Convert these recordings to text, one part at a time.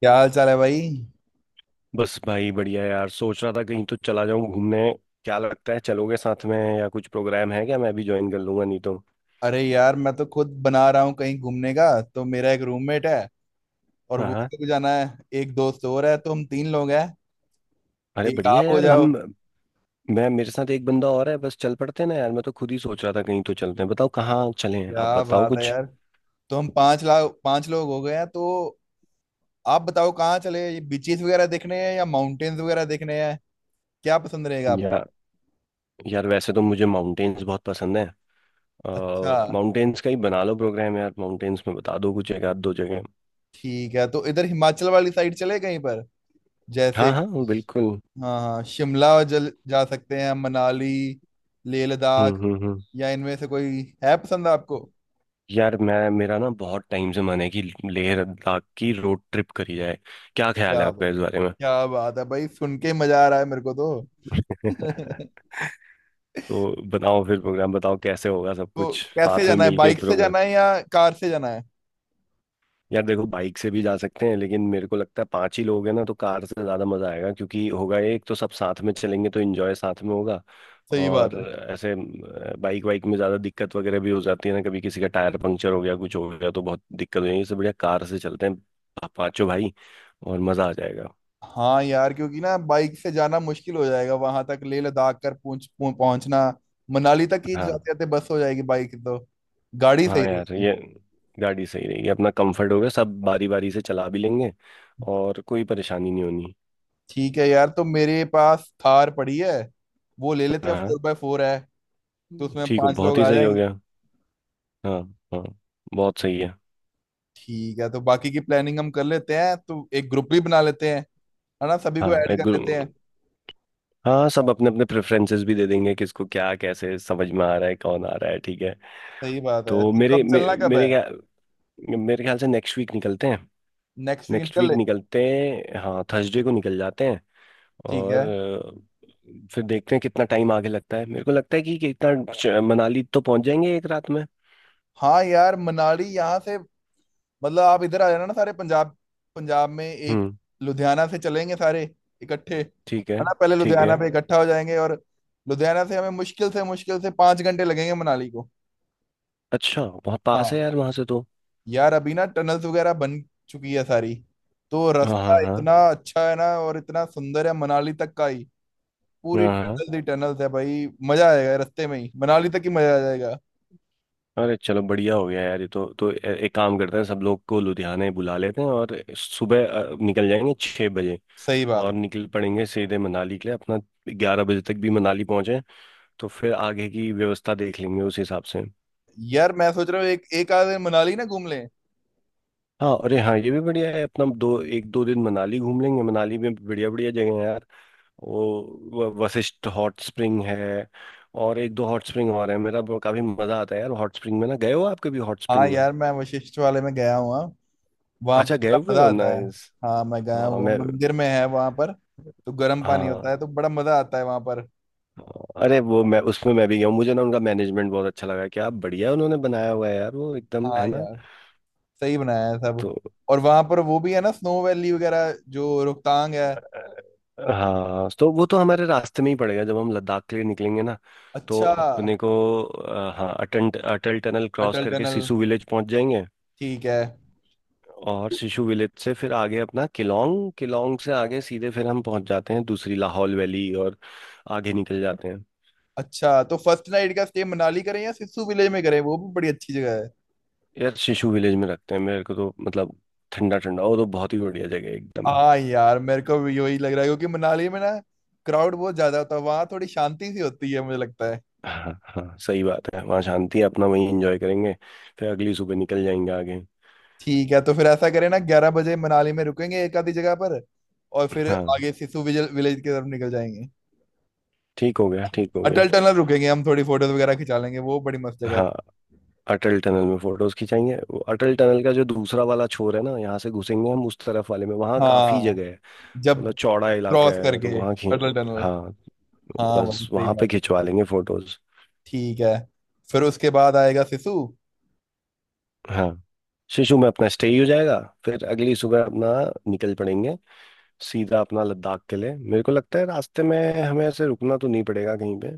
क्या हाल चाल है भाई। बस भाई, बढ़िया यार। सोच रहा था कहीं तो चला जाऊं घूमने। क्या लगता है, चलोगे साथ में या कुछ प्रोग्राम है क्या? मैं भी ज्वाइन कर लूंगा नहीं तो। अरे यार, मैं तो खुद बना रहा हूँ कहीं घूमने का। तो मेरा एक रूममेट है और हाँ वो, हाँ। उसको भी जाना है। एक दोस्त और है, तो हम तीन लोग हैं। अरे एक बढ़िया आप हो यार जाओ। हम मैं मेरे साथ एक बंदा और है। बस चल पड़ते हैं ना यार। मैं तो खुद ही सोच रहा था कहीं तो चलते हैं। बताओ कहाँ चलें, आप क्या बताओ बात है कुछ। यार। तो हम 5 लाख पांच लोग हो गए हैं। तो आप बताओ कहाँ चले, ये बीचेस वगैरह देखने हैं या माउंटेन्स वगैरह देखने हैं? क्या पसंद रहेगा आप। या। यार वैसे तो मुझे माउंटेन्स बहुत पसंद है। अच्छा। माउंटेन्स का ही बना लो प्रोग्राम यार। माउंटेन्स में बता दो कुछ एक आध दो जगह। ठीक है, तो इधर हिमाचल वाली साइड चले कहीं पर? हाँ जैसे, हाँ बिल्कुल। हाँ हाँ, शिमला जल जा सकते हैं, मनाली, लेह लद्दाख, हम्म। या इनमें से कोई है पसंद आपको? यार मैं मेरा ना बहुत टाइम से मन है कि लेह लद्दाख की रोड ट्रिप करी जाए। क्या ख्याल है क्या आपका बात। इस बारे में? क्या बात है भाई, सुन के ही मजा आ रहा है मेरे को तो। तो बताओ फिर प्रोग्राम, बताओ कैसे होगा सब तो कुछ कैसे साथ में जाना है, मिलके एक बाइक से प्रोग्राम। जाना है या कार से जाना है? यार देखो बाइक से भी जा सकते हैं, लेकिन मेरे को लगता है पांच ही लोग हैं ना तो कार से ज़्यादा मज़ा आएगा, क्योंकि होगा ये, एक तो सब साथ में चलेंगे तो एंजॉय साथ में होगा। सही बात और है। ऐसे, बाइक वाइक में ज़्यादा दिक्कत वगैरह भी हो जाती है ना। कभी किसी का टायर पंक्चर हो गया कुछ हो गया तो बहुत दिक्कत हो जाएगी, इससे बढ़िया कार से चलते हैं, पांचों भाई। और मज़ा आ जाएगा। हाँ यार, क्योंकि ना बाइक से जाना मुश्किल हो जाएगा वहां तक, लेह लद्दाख कर पहुंचना। मनाली तक ही हाँ जाते जाते बस हो जाएगी बाइक तो। गाड़ी हाँ सही यार, रहेगी। ये गाड़ी सही रहेगी, अपना कंफर्ट होगा, सब बारी बारी से चला भी लेंगे। और कोई परेशानी नहीं होनी। ठीक है यार, तो मेरे पास थार पड़ी है, वो ले लेते हैं, हाँ। 4x4 है। तो उसमें ठीक हो, पांच बहुत लोग ही आ सही हो जाएंगे। गया। हाँ। हाँ। बहुत सही है। ठीक है, तो बाकी की प्लानिंग हम कर लेते हैं, तो एक ग्रुप भी बना लेते हैं, है ना, सभी को हाँ, ऐड एक कर लेते हैं। ग्रुप। हाँ, सब अपने अपने प्रेफरेंसेस भी दे देंगे, किसको क्या कैसे समझ में आ रहा है, कौन आ रहा है। ठीक है। सही बात है। तो तो मेरे कब मे, चलना, कब मेरे है? क्या मेरे ख्याल से नेक्स्ट वीक निकलते हैं। नेक्स्ट वीक नेक्स्ट निकल वीक ले। निकलते हैं, हाँ, थर्सडे को निकल जाते हैं। ठीक और है। फिर देखते हैं कितना टाइम आगे लगता है। मेरे को लगता है कि कितना मनाली तो पहुंच जाएंगे एक रात में। हाँ यार, मनाली यहाँ से, मतलब आप इधर आ जाना ना सारे, पंजाब, पंजाब में एक, हम्म। लुधियाना से चलेंगे सारे इकट्ठे, ठीक है। है ना। पहले ठीक है। लुधियाना पे इकट्ठा हो जाएंगे, और लुधियाना से हमें मुश्किल से 5 घंटे लगेंगे मनाली को। अच्छा बहुत पास है हाँ यार वहां से तो। यार, अभी ना टनल्स वगैरह बन चुकी है सारी, तो हाँ हाँ रास्ता हाँ। इतना अच्छा है ना और इतना सुंदर है मनाली तक का ही। पूरी हाँ हाँ। टनल ही टनल्स है भाई। मजा आएगा रास्ते में ही, मनाली तक ही मजा आ जाएगा। अरे चलो, बढ़िया हो गया यार ये तो। तो एक काम करते हैं, सब लोग को लुधियाने बुला लेते हैं और सुबह निकल जाएंगे 6 बजे। सही बात और है। निकल पड़ेंगे सीधे मनाली के लिए अपना। 11 बजे तक भी मनाली पहुंचे तो फिर आगे की व्यवस्था देख लेंगे उस हिसाब से। यार मैं सोच रहा हूँ एक एक आध दिन मनाली ना घूम लें। हाँ अरे हाँ, ये भी बढ़िया है। अपना दो एक दो दिन मनाली घूम लेंगे। मनाली में बढ़िया बढ़िया जगह है यार। वो वशिष्ठ हॉट स्प्रिंग है। और एक दो हॉट स्प्रिंग और है, काफी मजा आता है यार हॉट स्प्रिंग में। ना गए हो आप कभी हॉट हाँ स्प्रिंग में? यार, मैं वशिष्ठ वाले में गया हुआ। वहां पर अच्छा, गए बड़ा हुए मजा हो, आता है। नाइस। हाँ मैं गया हाँ हुआ, मैं। मंदिर में है वहां पर। तो गर्म पानी होता हाँ है तो बड़ा मजा आता है वहां पर। हाँ। अरे वो, मैं भी गया हूँ। मुझे ना उनका मैनेजमेंट बहुत अच्छा लगा, क्या बढ़िया उन्होंने बनाया हुआ है यार, वो एकदम, हाँ है ना। यार, सही बनाया है तो। सब। और वहां पर वो भी है ना, स्नो वैली वगैरह जो रोहतांग है। हाँ, तो वो तो हमारे रास्ते में ही पड़ेगा जब हम लद्दाख के लिए निकलेंगे ना। तो अच्छा। अपने को हाँ, अटल अटल टनल क्रॉस अटल करके टनल। सिसु विलेज पहुंच जाएंगे। ठीक है। और सिसु विलेज से फिर आगे अपना किलोंग, किलोंग से आगे सीधे फिर हम पहुंच जाते हैं दूसरी लाहौल वैली, और आगे निकल जाते हैं। अच्छा, तो फर्स्ट नाइट का स्टे मनाली करें या सिस्सू विलेज में करें? वो भी बड़ी अच्छी जगह है। यार सिसु विलेज में रखते हैं, मेरे को तो मतलब ठंडा ठंडा, वो तो बहुत ही बढ़िया जगह है एकदम। हाँ यार, मेरे को भी यही लग रहा है क्योंकि मनाली में ना, क्राउड बहुत ज्यादा होता है, वहां थोड़ी शांति सी होती है, मुझे लगता है। हाँ हाँ सही बात है, वहाँ शांति है, अपना वहीं एंजॉय करेंगे। फिर अगली सुबह निकल जाएंगे आगे। ठीक है, तो फिर ऐसा करें ना, 11 बजे मनाली में रुकेंगे एक आधी जगह पर, और फिर हाँ आगे सिसु विजल विलेज की तरफ निकल जाएंगे। ठीक हो गया ठीक हो गया। अटल टनल रुकेंगे हम, थोड़ी फोटोज वगैरह खिंचा लेंगे, वो बड़ी मस्त जगह है। हाँ अटल टनल में फोटोज खिंचाएंगे। वो अटल टनल का जो दूसरा वाला छोर है ना, यहाँ से घुसेंगे हम, उस तरफ वाले में वहाँ काफी हाँ, जगह है। जब मतलब चौड़ा इलाका क्रॉस है, तो करके वहाँ खी। अटल टनल। हाँ हाँ भाई, बस सही वहाँ पे बात है। खिंचवा लेंगे फोटोज। ठीक है। फिर उसके बाद आएगा सिसु। हाँ। शिशु में अपना स्टे ही हो जाएगा। फिर अगली सुबह अपना निकल पड़ेंगे, सीधा अपना लद्दाख के लिए। मेरे को लगता है रास्ते में हमें ऐसे रुकना तो नहीं पड़ेगा कहीं पे।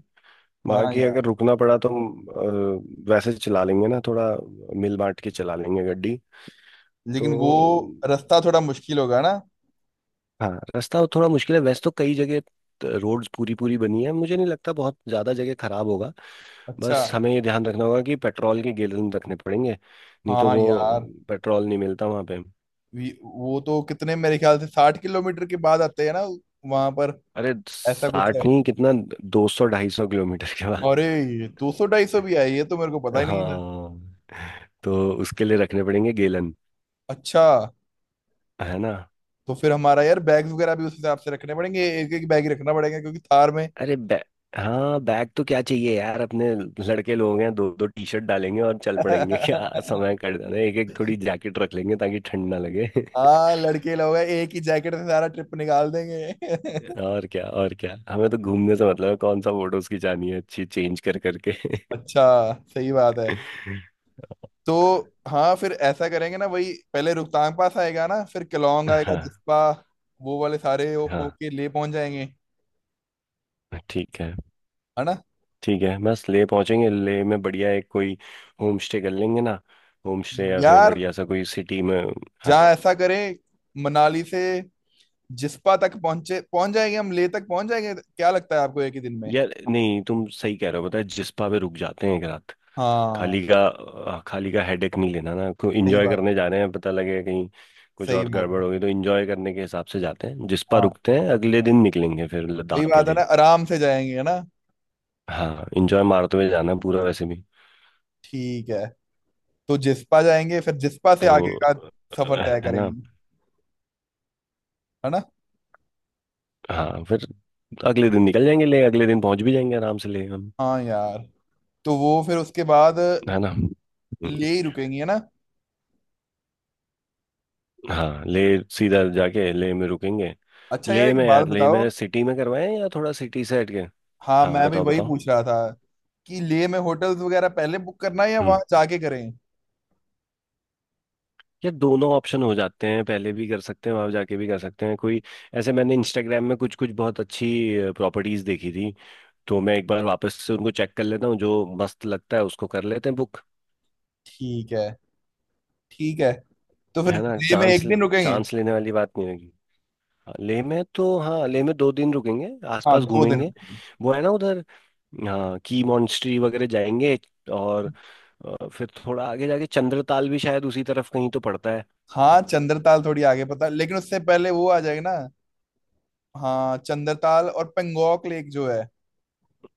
हाँ बाकी यार, अगर रुकना पड़ा तो हम वैसे चला लेंगे ना थोड़ा, मिल बांट के चला लेंगे गड्डी। तो लेकिन वो रास्ता थोड़ा मुश्किल होगा ना। हाँ, रास्ता थोड़ा मुश्किल है वैसे तो कई जगह, रोड्स पूरी पूरी बनी है, मुझे नहीं लगता बहुत ज़्यादा जगह खराब होगा। अच्छा। बस हमें ये ध्यान रखना होगा कि पेट्रोल के गैलन रखने पड़ेंगे, नहीं तो हाँ वो यार। पेट्रोल नहीं मिलता वहाँ पे। वो तो कितने, मेरे ख्याल से 60 किलोमीटर के बाद आते हैं ना वहां पर, अरे ऐसा कुछ 60 है। नहीं, कितना, 200-250 किलोमीटर के बाद। अरे 200-250 भी है, ये तो मेरे को पता ही नहीं था। हाँ तो उसके लिए रखने पड़ेंगे गैलन, अच्छा। है ना। तो फिर हमारा यार बैग वगैरह भी उस हिसाब से रखने पड़ेंगे, एक एक बैग ही रखना पड़ेगा क्योंकि थार में। अरे हाँ, बैग तो क्या चाहिए यार अपने, लड़के लोग हैं, दो दो टी शर्ट डालेंगे और चल पड़ेंगे क्या समय कट जाना है, एक एक थोड़ी जैकेट रख लेंगे ताकि ठंड ना लगे। हाँ लड़के लोग हैं, एक ही जैकेट से सारा ट्रिप निकाल देंगे। और क्या, और क्या, हमें तो घूमने से मतलब है, कौन सा फोटोज खिंचानी है अच्छी, चेंज कर करके। अच्छा, सही बात है। तो हाँ, फिर ऐसा करेंगे ना, वही पहले रोहतांग पास आएगा ना, फिर केलोंग आएगा, हाँ जिस्पा, वो वाले सारे हाँ। होके ले पहुंच जाएंगे, ठीक है, है ना। ठीक है। बस ले पहुंचेंगे, ले में बढ़िया एक कोई होम स्टे कर लेंगे ना। होम स्टे या फिर यार बढ़िया सा कोई सिटी में। हाँ जहाँ ऐसा करें, मनाली से जिस्पा तक पहुंचे, पहुंच जाएंगे हम, लेह तक पहुंच जाएंगे क्या लगता है आपको, एक ही दिन में? यार नहीं, तुम सही कह रहे हो, पता है, जिस्पा पे रुक जाते हैं एक रात। हाँ खाली का हेडेक नहीं लेना ना, क्यों। सही इंजॉय बात। करने जा रहे हैं, पता लगे कहीं कुछ सही और बात है। गड़बड़ होगी, तो इंजॉय करने के हिसाब से जाते हैं, जिस पर हाँ रुकते हैं अगले दिन, निकलेंगे फिर वही लद्दाख के बात है ना, लिए। आराम से जाएंगे, है ना। हाँ, इंजॉय मारते हुए जाना है पूरा वैसे भी। ठीक है, तो जिस्पा जाएंगे, फिर जिस्पा से तो आगे का सफर तय है ना। करेंगे, है ना। हाँ फिर अगले दिन निकल जाएंगे ले, अगले दिन पहुंच भी जाएंगे आराम से ले हम। हाँ यार। तो वो फिर उसके बाद है ना। ले ही रुकेंगे, है ना। हाँ ले। सीधा जाके ले में रुकेंगे। अच्छा यार, ले एक में बात यार, ले बताओ। में सिटी में करवाएं या थोड़ा सिटी से हट के? हाँ, हाँ मैं भी बताओ वही बताओ। पूछ रहा था कि ले में होटल्स वगैरह पहले बुक करना है या वहां जाके करें। यार दोनों ऑप्शन हो जाते हैं, पहले भी कर सकते हैं, वहां जाके भी कर सकते हैं कोई। ऐसे मैंने इंस्टाग्राम में कुछ कुछ बहुत अच्छी प्रॉपर्टीज देखी थी। तो मैं एक बार वापस से उनको चेक कर लेता हूँ, जो मस्त लगता है उसको कर लेते हैं बुक। ठीक है। ठीक है, तो फिर है ना। लेह में चांस, एक दिन रुकेंगे। चांस लेने वाली बात नहीं होगी। हाँ, लेह में तो हाँ, लेह में 2 दिन रुकेंगे, हाँ आसपास 2 दिन घूमेंगे। रुकेंगे। वो है ना, उधर हाँ की मॉन्स्ट्री वगैरह जाएंगे। और फिर थोड़ा आगे जाके चंद्रताल भी शायद उसी तरफ कहीं तो पड़ता है। हाँ चंद्रताल थोड़ी आगे, पता, लेकिन उससे पहले वो आ जाएगा ना। हाँ चंद्रताल और पेंगोंग लेक जो है।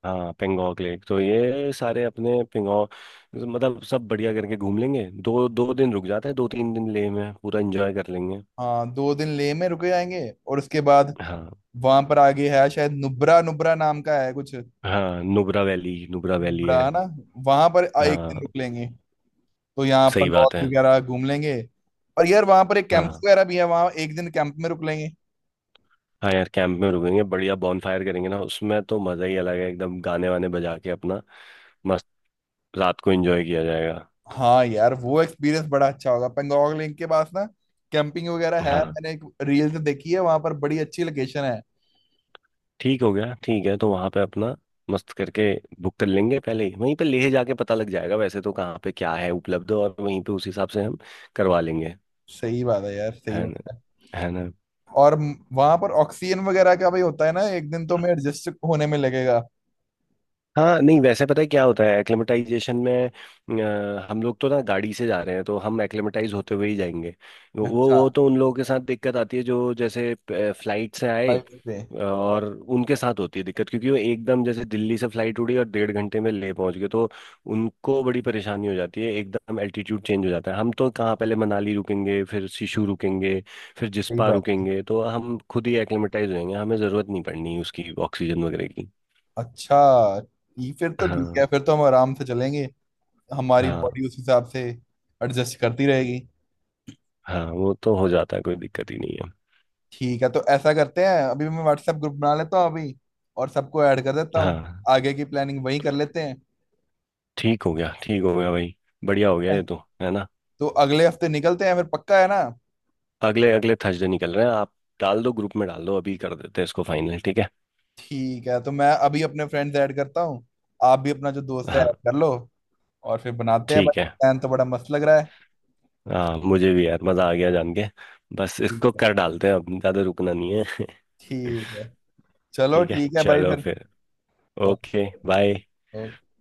हाँ पेंगोंग लेक तो, ये सारे अपने पेंगोंग मतलब सब बढ़िया करके घूम लेंगे। दो दो दिन रुक जाते हैं, 2-3 दिन लेह में पूरा एंजॉय कर लेंगे। हाँ दो दिन लेह में रुके जाएंगे, और उसके बाद हाँ वहां पर आगे है शायद नुब्रा, नुब्रा नाम का है कुछ। हाँ, नुब्रा वैली, नुब्रा वैली है। नुब्रा है ना, वहां पर एक दिन हाँ रुक लेंगे। तो यहाँ सही बात पेंगोंग है। वगैरह घूम लेंगे। और यार वहां पर एक कैंप हाँ वगैरह भी है, वहां एक दिन कैंप में रुक लेंगे। हाँ यार कैंप में रुकेंगे बढ़िया। फायर करेंगे ना उसमें, तो मज़ा ही अलग है एकदम। गाने वाने बजा के अपना, मस्त रात को एंजॉय किया जाएगा। हाँ यार, वो एक्सपीरियंस बड़ा अच्छा होगा। पेंगोंग लेक के पास ना, कैंपिंग वगैरह है, हाँ मैंने एक रील्स देखी है, वहां पर बड़ी अच्छी लोकेशन है। ठीक हो गया, ठीक है। तो वहां पे अपना मस्त करके बुक कर लेंगे पहले ही। वहीं पे लेह जाके पता लग जाएगा वैसे तो, कहाँ पे क्या है उपलब्ध, और वहीं पे उस हिसाब से हम करवा लेंगे। सही बात है यार, सही है ना, बात है। है ना। और वहां पर ऑक्सीजन वगैरह का भी होता है ना, एक दिन तो मैं एडजस्ट होने में लगेगा। हाँ नहीं, वैसे पता है क्या होता है एक्लेमेटाइजेशन में। हम लोग तो ना गाड़ी से जा रहे हैं, तो हम एक्लेमेटाइज होते हुए ही जाएंगे। वो अच्छा, वो तो उन लोगों के साथ दिक्कत आती है जो जैसे फ्लाइट से आए, फ्लाइट से। और उनके साथ होती है दिक्कत, क्योंकि वो एकदम जैसे दिल्ली से फ्लाइट उड़ी और 1.5 घंटे में ले पहुंच गए तो। उनको बड़ी परेशानी हो जाती है, एकदम एल्टीट्यूड चेंज हो जाता है। हम तो कहाँ, पहले मनाली रुकेंगे, फिर शिशु रुकेंगे, फिर सही जिस्पा बात है। रुकेंगे, तो हम खुद ही एक्लेमेटाइज होंगे। हमें ज़रूरत नहीं पड़नी उसकी, ऑक्सीजन वगैरह की। अच्छा, ये फिर तो ठीक हाँ। है, फिर तो हम आराम से चलेंगे। हमारी हाँ। बॉडी उस हिसाब से एडजस्ट करती रहेगी। हाँ वो तो हो जाता है, कोई दिक्कत ही नहीं है। ठीक है, तो ऐसा करते हैं, अभी मैं व्हाट्सएप ग्रुप बना लेता हूँ अभी, और सबको ऐड कर देता हूँ। हाँ आगे की प्लानिंग वहीं कर लेते हैं। ठीक हो गया भाई, बढ़िया हो गया है। ये तो। है ना। तो अगले हफ्ते निकलते हैं फिर, पक्का है ना? अगले अगले थर्सडे निकल रहे हैं आप। डाल दो ग्रुप में, डाल दो, अभी कर देते हैं इसको फाइनल, ठीक है। ठीक है, तो मैं अभी अपने फ्रेंड्स ऐड करता हूँ, आप भी अपना जो दोस्त है ऐड हाँ कर लो, और फिर बनाते हैं ठीक भाई। है। प्लान तो बड़ा मस्त लग रहा है। हाँ, मुझे भी यार मज़ा आ गया जान के। बस ठीक इसको है। कर डालते हैं, अब ज़्यादा रुकना नहीं है। ठीक है, चलो ठीक है, ठीक है भाई चलो फिर। फिर। Okay okay. बाय। ओके।